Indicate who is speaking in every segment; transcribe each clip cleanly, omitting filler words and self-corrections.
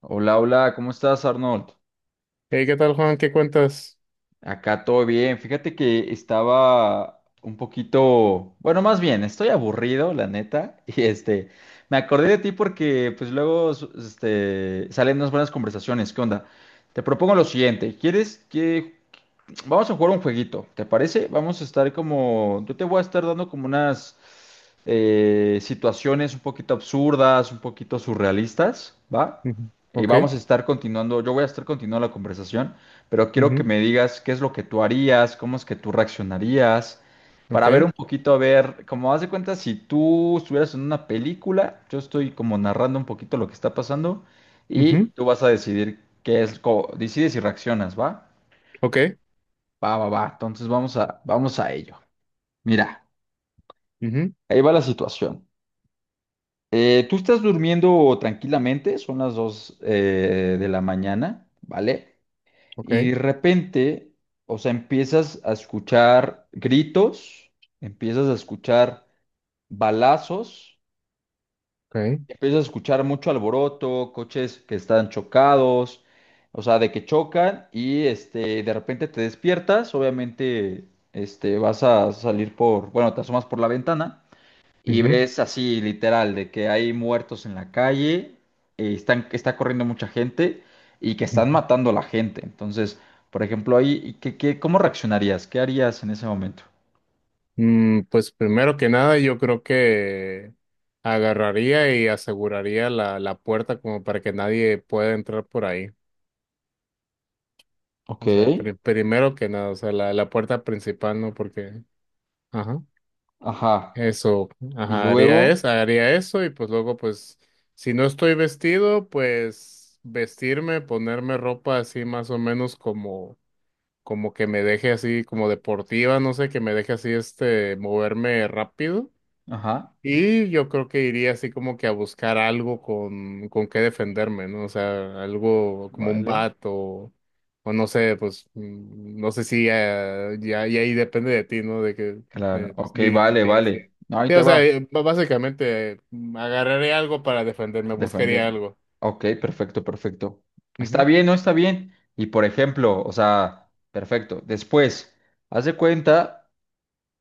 Speaker 1: Hola, hola, ¿cómo estás, Arnold?
Speaker 2: Hey, ¿qué tal, Juan? ¿Qué cuentas?
Speaker 1: Acá todo bien. Fíjate que estaba un poquito, bueno, más bien, estoy aburrido, la neta, me acordé de ti porque pues luego salen unas buenas conversaciones. ¿Qué onda? Te propongo lo siguiente, ¿quieres que vamos a jugar un jueguito, ¿te parece? Vamos a estar como, yo te voy a estar dando como unas situaciones un poquito absurdas, un poquito surrealistas, ¿va?
Speaker 2: Ujú,
Speaker 1: Y
Speaker 2: ok,
Speaker 1: vamos a estar continuando, yo voy a estar continuando la conversación, pero quiero que
Speaker 2: ujú,
Speaker 1: me digas qué es lo que tú harías, cómo es que tú reaccionarías, para ver
Speaker 2: ok,
Speaker 1: un poquito, a ver, como haz de cuenta, si tú estuvieras en una película, yo estoy como narrando un poquito lo que está pasando y
Speaker 2: ujú,
Speaker 1: tú vas a decidir qué es, decides y reaccionas, ¿va?
Speaker 2: ok,
Speaker 1: Va, va, va. Entonces vamos a ello. Mira,
Speaker 2: ujú,
Speaker 1: ahí va la situación. Tú estás durmiendo tranquilamente, son las 2 de la mañana, ¿vale? Y
Speaker 2: ok,
Speaker 1: de repente, o sea, empiezas a escuchar gritos, empiezas a escuchar balazos,
Speaker 2: ok,
Speaker 1: empiezas a escuchar mucho alboroto, coches que están chocados, o sea, de que chocan de repente te despiertas, obviamente, este, vas a salir por, bueno, te asomas por la ventana. Y
Speaker 2: ujú,
Speaker 1: ves así literal de que hay muertos en la calle, que está corriendo mucha gente y que están
Speaker 2: ujú.
Speaker 1: matando a la gente. Entonces, por ejemplo, ahí, ¿cómo reaccionarías? ¿Qué harías en ese momento?
Speaker 2: Pues primero que nada, yo creo que agarraría y aseguraría la puerta como para que nadie pueda entrar por ahí.
Speaker 1: Ok,
Speaker 2: O sea, primero que nada, o sea, la puerta principal, ¿no? Porque, ajá.
Speaker 1: ajá.
Speaker 2: Eso,
Speaker 1: Y
Speaker 2: ajá,
Speaker 1: luego,
Speaker 2: haría eso y pues luego pues si no estoy vestido, pues vestirme, ponerme ropa así más o menos como que me deje así como deportiva, no sé, que me deje así moverme rápido.
Speaker 1: ajá,
Speaker 2: Y yo creo que iría así como que a buscar algo con qué defenderme, ¿no? O sea, algo como un
Speaker 1: vale.
Speaker 2: bat o no sé, pues no sé si ya ahí depende de ti, ¿no? De que
Speaker 1: Claro, ok,
Speaker 2: sí, sí,
Speaker 1: vale,
Speaker 2: sí, sí.
Speaker 1: vale. No, ahí
Speaker 2: Sí,
Speaker 1: te
Speaker 2: o
Speaker 1: va.
Speaker 2: sea, básicamente agarraré algo para defenderme, buscaría
Speaker 1: Defenderme.
Speaker 2: algo.
Speaker 1: Ok, perfecto, perfecto. Está
Speaker 2: Ujú,
Speaker 1: bien, ¿no? Está bien. Y por ejemplo, o sea, perfecto. Después, haz de cuenta.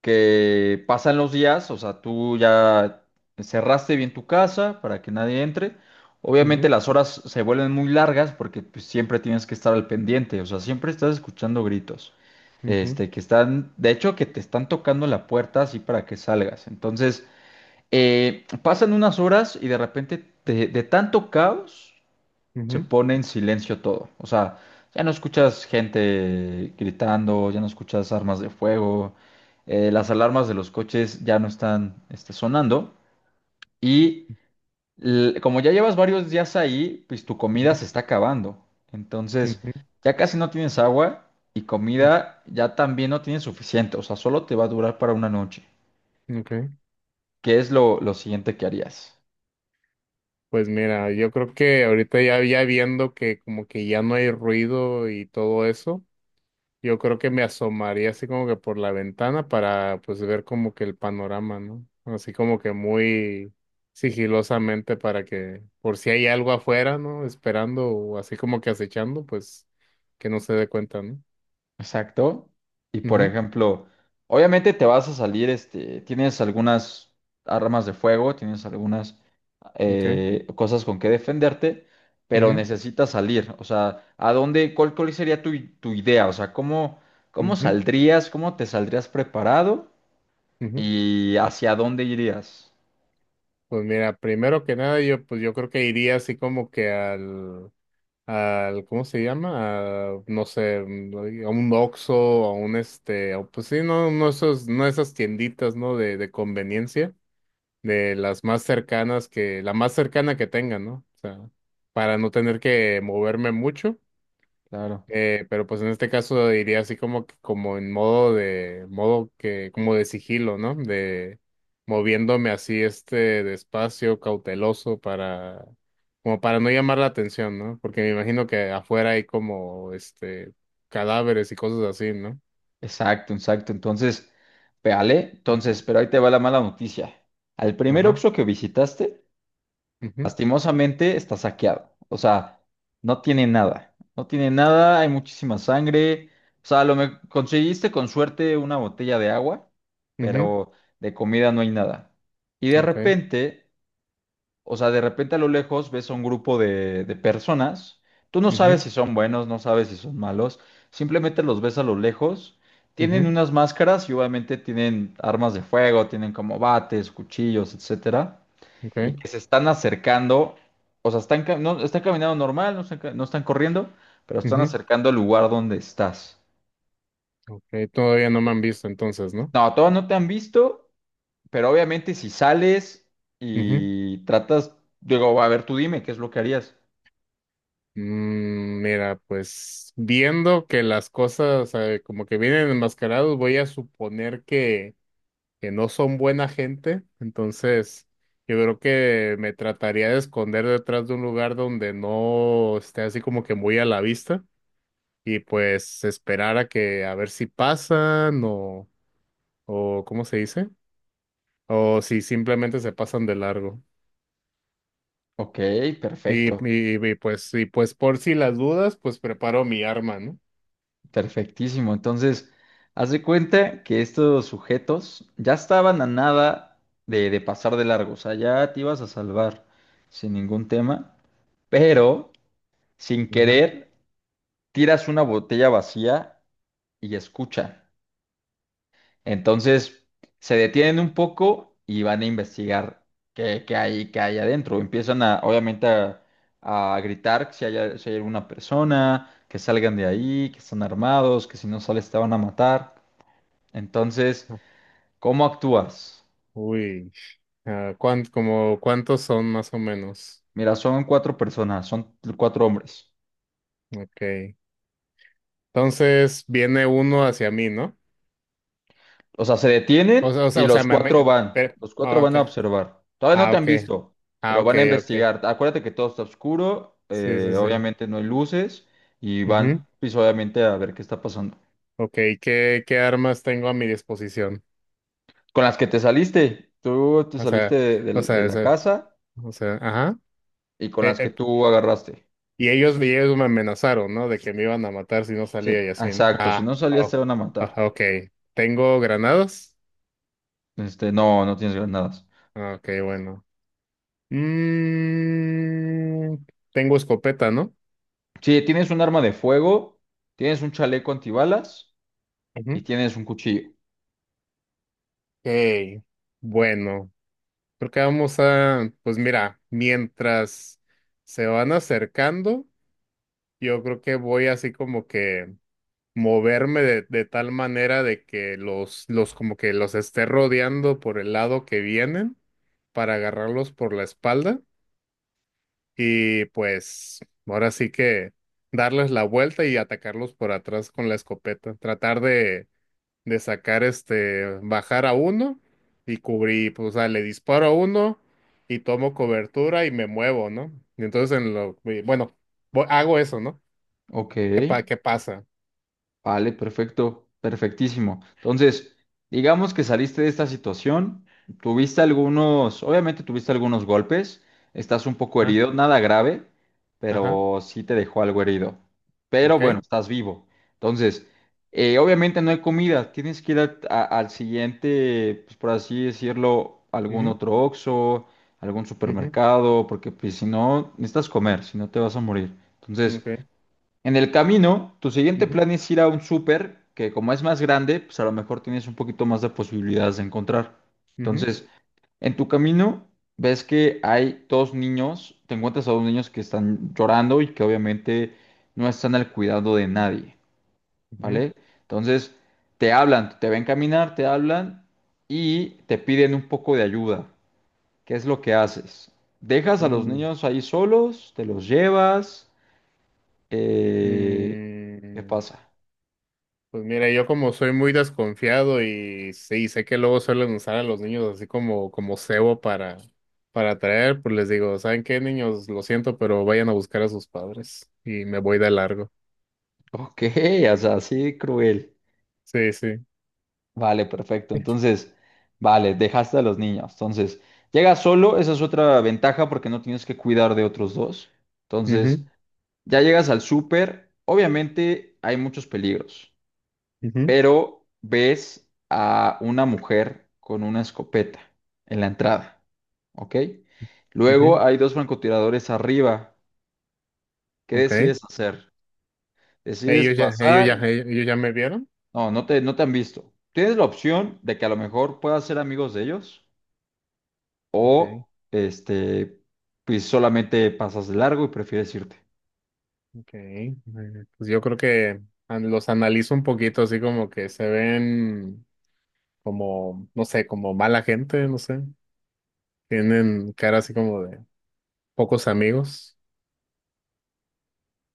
Speaker 1: Que pasan los días, o sea, tú ya cerraste bien tu casa para que nadie entre. Obviamente
Speaker 2: ujú,
Speaker 1: las horas se vuelven muy largas porque pues, siempre tienes que estar al pendiente, o sea, siempre estás escuchando gritos.
Speaker 2: ujú,
Speaker 1: Este, que están, de hecho, que te están tocando la puerta así para que salgas. Entonces, pasan unas horas y de repente, de tanto caos, se
Speaker 2: ujú,
Speaker 1: pone en silencio todo. O sea, ya no escuchas gente gritando, ya no escuchas armas de fuego, las alarmas de los coches ya no están este, sonando. Y como ya llevas varios días ahí, pues tu comida
Speaker 2: ujú,
Speaker 1: se está acabando. Entonces,
Speaker 2: ujú,
Speaker 1: ya casi no tienes agua y comida ya también no tienes suficiente. O sea, solo te va a durar para una noche.
Speaker 2: ujú. Ok.
Speaker 1: ¿Qué es lo siguiente que harías?
Speaker 2: Pues mira, yo creo que ahorita ya viendo que como que ya no hay ruido y todo eso. Yo creo que me asomaría así como que por la ventana para pues ver como que el panorama, ¿no? Así como que muy sigilosamente para que por si hay algo afuera, ¿no? Esperando o así como que acechando, pues que no se dé cuenta, ¿no?
Speaker 1: Exacto. Y por
Speaker 2: Ujú,
Speaker 1: ejemplo, obviamente te vas a salir, este, tienes algunas armas de fuego, tienes algunas
Speaker 2: ok,
Speaker 1: cosas con que defenderte, pero
Speaker 2: ujú,
Speaker 1: necesitas salir. O sea, ¿cuál sería tu, tu idea? O sea, ¿cómo, cómo
Speaker 2: ujú,
Speaker 1: saldrías, cómo te saldrías preparado
Speaker 2: ujú.
Speaker 1: y hacia dónde irías?
Speaker 2: Pues mira, primero que nada yo pues yo creo que iría así como que al ¿cómo se llama? A, no sé, a un Oxxo, a un este, a- pues sí, no, no esos, no esas tienditas, ¿no? De conveniencia, de las más cercanas que, la más cercana que tengan, ¿no? O sea, para no tener que moverme mucho.
Speaker 1: Claro.
Speaker 2: Pero pues en este caso diría así como que como en modo de modo que como de sigilo, ¿no? De moviéndome así despacio, cauteloso para como para no llamar la atención, ¿no? Porque me imagino que afuera hay como cadáveres y cosas así, ¿no?
Speaker 1: Exacto, exacto. Entonces, véale. Entonces, pero ahí te va la mala noticia. Al primer
Speaker 2: Ajá.
Speaker 1: Oxxo que visitaste,
Speaker 2: Mhm,
Speaker 1: lastimosamente está saqueado. O sea, no tiene nada. No tiene nada, hay muchísima sangre. O sea, lo me conseguiste con suerte una botella de agua,
Speaker 2: mhm.
Speaker 1: pero de comida no hay nada. Y de
Speaker 2: Okay.
Speaker 1: repente, o sea, de repente a lo lejos ves a un grupo de personas. Tú no sabes
Speaker 2: Mhm,
Speaker 1: si son buenos, no sabes si son malos. Simplemente los ves a lo lejos. Tienen
Speaker 2: mhm.
Speaker 1: unas máscaras y obviamente tienen armas de fuego, tienen como bates, cuchillos, etcétera y
Speaker 2: Okay.
Speaker 1: que se están acercando, o sea, están caminando normal, no están corriendo, pero están
Speaker 2: Mhm.
Speaker 1: acercando al lugar donde estás.
Speaker 2: Okay. Todavía no me han visto entonces, ¿no?
Speaker 1: No, todavía no te han visto, pero obviamente si sales y tratas, digo, a ver, tú dime, ¿qué es lo que harías?
Speaker 2: Mira, pues viendo que las cosas como que vienen enmascarados, voy a suponer que no son buena gente, entonces yo creo que me trataría de esconder detrás de un lugar donde no esté así como que muy a la vista y pues esperar a que a ver si pasan o ¿cómo se dice? O si simplemente se pasan de largo.
Speaker 1: Ok,
Speaker 2: Y,
Speaker 1: perfecto,
Speaker 2: y, y, pues, y pues por si las dudas, pues preparo mi arma, ¿no?
Speaker 1: perfectísimo. Entonces, haz de cuenta que estos sujetos ya estaban a nada de pasar de largo, o sea, ya te ibas a salvar sin ningún tema, pero sin
Speaker 2: Ajá.
Speaker 1: querer tiras una botella vacía y escuchan. Entonces se detienen un poco y van a investigar qué hay adentro. Empiezan a, obviamente, a gritar si hay, si hay alguna persona, que salgan de ahí, que están armados, que si no sales te van a matar. Entonces, ¿cómo actúas?
Speaker 2: Uy, ¿como cuántos son más o menos?
Speaker 1: Mira, son cuatro personas, son cuatro hombres.
Speaker 2: Ok. Entonces viene uno hacia mí, ¿no?
Speaker 1: O sea, se
Speaker 2: O
Speaker 1: detienen
Speaker 2: sea, o sea,
Speaker 1: y
Speaker 2: o sea,
Speaker 1: los
Speaker 2: me,
Speaker 1: cuatro
Speaker 2: me-
Speaker 1: van.
Speaker 2: pero-
Speaker 1: Los cuatro
Speaker 2: ah,
Speaker 1: van
Speaker 2: ok.
Speaker 1: a observar. Todavía no
Speaker 2: Ah,
Speaker 1: te han
Speaker 2: ok.
Speaker 1: visto,
Speaker 2: Ah,
Speaker 1: pero
Speaker 2: ok,
Speaker 1: van a
Speaker 2: ok.
Speaker 1: investigar. Acuérdate que todo está oscuro,
Speaker 2: Sí, sí, sí.
Speaker 1: obviamente no hay luces y van,
Speaker 2: Ujú.
Speaker 1: pues obviamente, a ver qué está pasando.
Speaker 2: Ok, ¿qué armas tengo a mi disposición?
Speaker 1: Con las que te saliste, tú te
Speaker 2: O
Speaker 1: saliste
Speaker 2: sea, o
Speaker 1: de
Speaker 2: sea, o
Speaker 1: la
Speaker 2: sea,
Speaker 1: casa
Speaker 2: o sea, ajá.
Speaker 1: y con
Speaker 2: Eh,
Speaker 1: las que
Speaker 2: eh,
Speaker 1: tú agarraste.
Speaker 2: y ellos me amenazaron, ¿no? De que me iban a matar si no
Speaker 1: Sí,
Speaker 2: salía y así, ¿no?
Speaker 1: exacto. Si
Speaker 2: Ah,
Speaker 1: no salías, te
Speaker 2: oh,
Speaker 1: van a matar.
Speaker 2: ah, ok. ¿Tengo granadas?
Speaker 1: Este, no, no tienes granadas.
Speaker 2: Ah, ok, bueno. Mm, tengo escopeta, ¿no?
Speaker 1: Sí, tienes un arma de fuego, tienes un chaleco antibalas y
Speaker 2: Ujú.
Speaker 1: tienes un cuchillo.
Speaker 2: Ok, bueno, creo que vamos a, pues mira, mientras se van acercando, yo creo que voy así como que moverme de tal manera de que los como que los esté rodeando por el lado que vienen para agarrarlos por la espalda y pues ahora sí que darles la vuelta y atacarlos por atrás con la escopeta, tratar de sacar bajar a uno y cubrir, pues, o sea, le disparo a uno y tomo cobertura y me muevo, ¿no? Y entonces, y bueno, hago eso, ¿no?
Speaker 1: Ok.
Speaker 2: ¿Qué pasa?
Speaker 1: Vale, perfecto, perfectísimo. Entonces, digamos que saliste de esta situación, tuviste algunos, obviamente tuviste algunos golpes, estás un poco
Speaker 2: Ajá,
Speaker 1: herido, nada grave,
Speaker 2: ajá,
Speaker 1: pero sí te dejó algo herido. Pero
Speaker 2: ok,
Speaker 1: bueno, estás vivo. Entonces, obviamente no hay comida, tienes que ir al siguiente, pues por así decirlo, algún
Speaker 2: ujú,
Speaker 1: otro Oxxo, algún
Speaker 2: ujú,
Speaker 1: supermercado, porque pues, si no, necesitas comer, si no te vas a morir. Entonces,
Speaker 2: ok,
Speaker 1: en el camino, tu siguiente
Speaker 2: ujú,
Speaker 1: plan es ir a un súper que como es más grande, pues a lo mejor tienes un poquito más de posibilidades de encontrar.
Speaker 2: ujú,
Speaker 1: Entonces, en tu camino ves que hay dos niños, te encuentras a dos niños que están llorando y que obviamente no están al cuidado de nadie,
Speaker 2: ujú,
Speaker 1: ¿vale? Entonces, te hablan, te ven caminar, te hablan y te piden un poco de ayuda. ¿Qué es lo que haces? ¿Dejas a los
Speaker 2: mm,
Speaker 1: niños ahí solos? ¿Te los llevas? Eh, ¿Qué
Speaker 2: mm.
Speaker 1: pasa?
Speaker 2: Pues mira, yo como soy muy desconfiado y sí, sé que luego suelen usar a los niños así como cebo para atraer, pues les digo, ¿saben qué, niños? Lo siento, pero vayan a buscar a sus padres y me voy de largo.
Speaker 1: Ok, o sea, así cruel.
Speaker 2: Sí, sí.
Speaker 1: Vale, perfecto. Entonces, vale, dejaste a los niños. Entonces, llegas solo, esa es otra ventaja porque no tienes que cuidar de otros dos. Entonces,
Speaker 2: Mhm,
Speaker 1: ya llegas al súper. Obviamente hay muchos peligros,
Speaker 2: mhm,
Speaker 1: pero ves a una mujer con una escopeta en la entrada. ¿Ok? Luego
Speaker 2: mhm.
Speaker 1: hay dos francotiradores arriba. ¿Qué
Speaker 2: Okay.
Speaker 1: decides hacer? ¿Decides
Speaker 2: Ellos ya, ellos ya,
Speaker 1: pasar?
Speaker 2: ellos ya me vieron.
Speaker 1: No, no te han visto. Tienes la opción de que a lo mejor puedas ser amigos de ellos
Speaker 2: Okay,
Speaker 1: o este, pues solamente pasas de largo y prefieres irte.
Speaker 2: okay. Pues yo creo que los analizo un poquito así como que se ven como, no sé, como mala gente, no sé. Tienen cara así como de pocos amigos.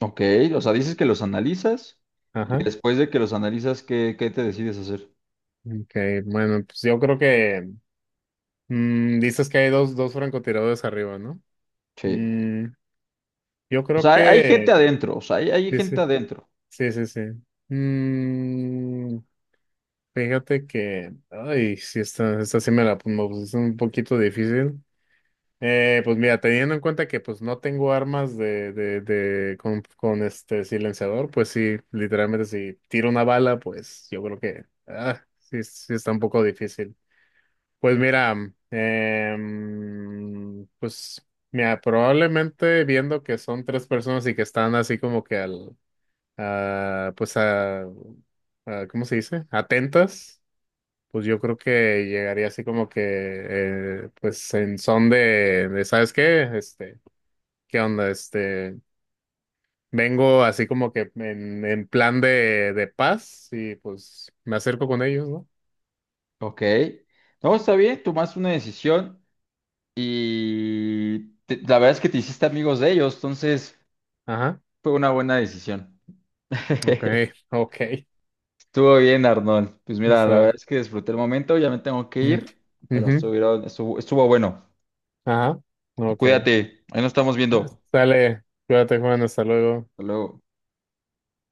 Speaker 1: Ok, o sea, dices que los analizas y
Speaker 2: Ajá.
Speaker 1: después de que los analizas, ¿qué te decides hacer?
Speaker 2: Ok, bueno, pues yo creo que dices que hay dos francotiradores arriba, ¿no?
Speaker 1: Sí.
Speaker 2: Mm, yo
Speaker 1: O
Speaker 2: creo
Speaker 1: sea, hay
Speaker 2: que
Speaker 1: gente adentro, o sea, hay
Speaker 2: sí, sí,
Speaker 1: gente adentro.
Speaker 2: sí, sí, sí. Mm, fíjate que, ay, sí, esta sí me la me pusiste un poquito difícil. Pues mira, teniendo en cuenta que pues no tengo armas con este silenciador, pues sí, literalmente si tiro una bala, pues yo creo que sí, sí está un poco difícil. Pues mira, em, pues probablemente viendo que son tres personas y que están así como que al, a, pues a- ¿cómo se dice? Atentas, pues yo creo que llegaría así como que, pues en son de, ¿sabes qué? ¿Qué onda? Vengo así como que en plan de paz y pues me acerco con ellos, ¿no?
Speaker 1: Ok. No, está bien, tomaste una decisión la verdad es que te hiciste amigos de ellos, entonces
Speaker 2: Ajá,
Speaker 1: fue una buena decisión.
Speaker 2: ok, ok,
Speaker 1: Estuvo bien, Arnold. Pues mira, la verdad
Speaker 2: está.
Speaker 1: es que disfruté el momento, ya me tengo que
Speaker 2: Mm.
Speaker 1: ir, pero
Speaker 2: Ujú.
Speaker 1: estuvo bueno.
Speaker 2: Ajá, ok.
Speaker 1: Cuídate, ahí nos estamos viendo.
Speaker 2: Sale, cuídate, Juan. Hasta luego.
Speaker 1: Hasta luego.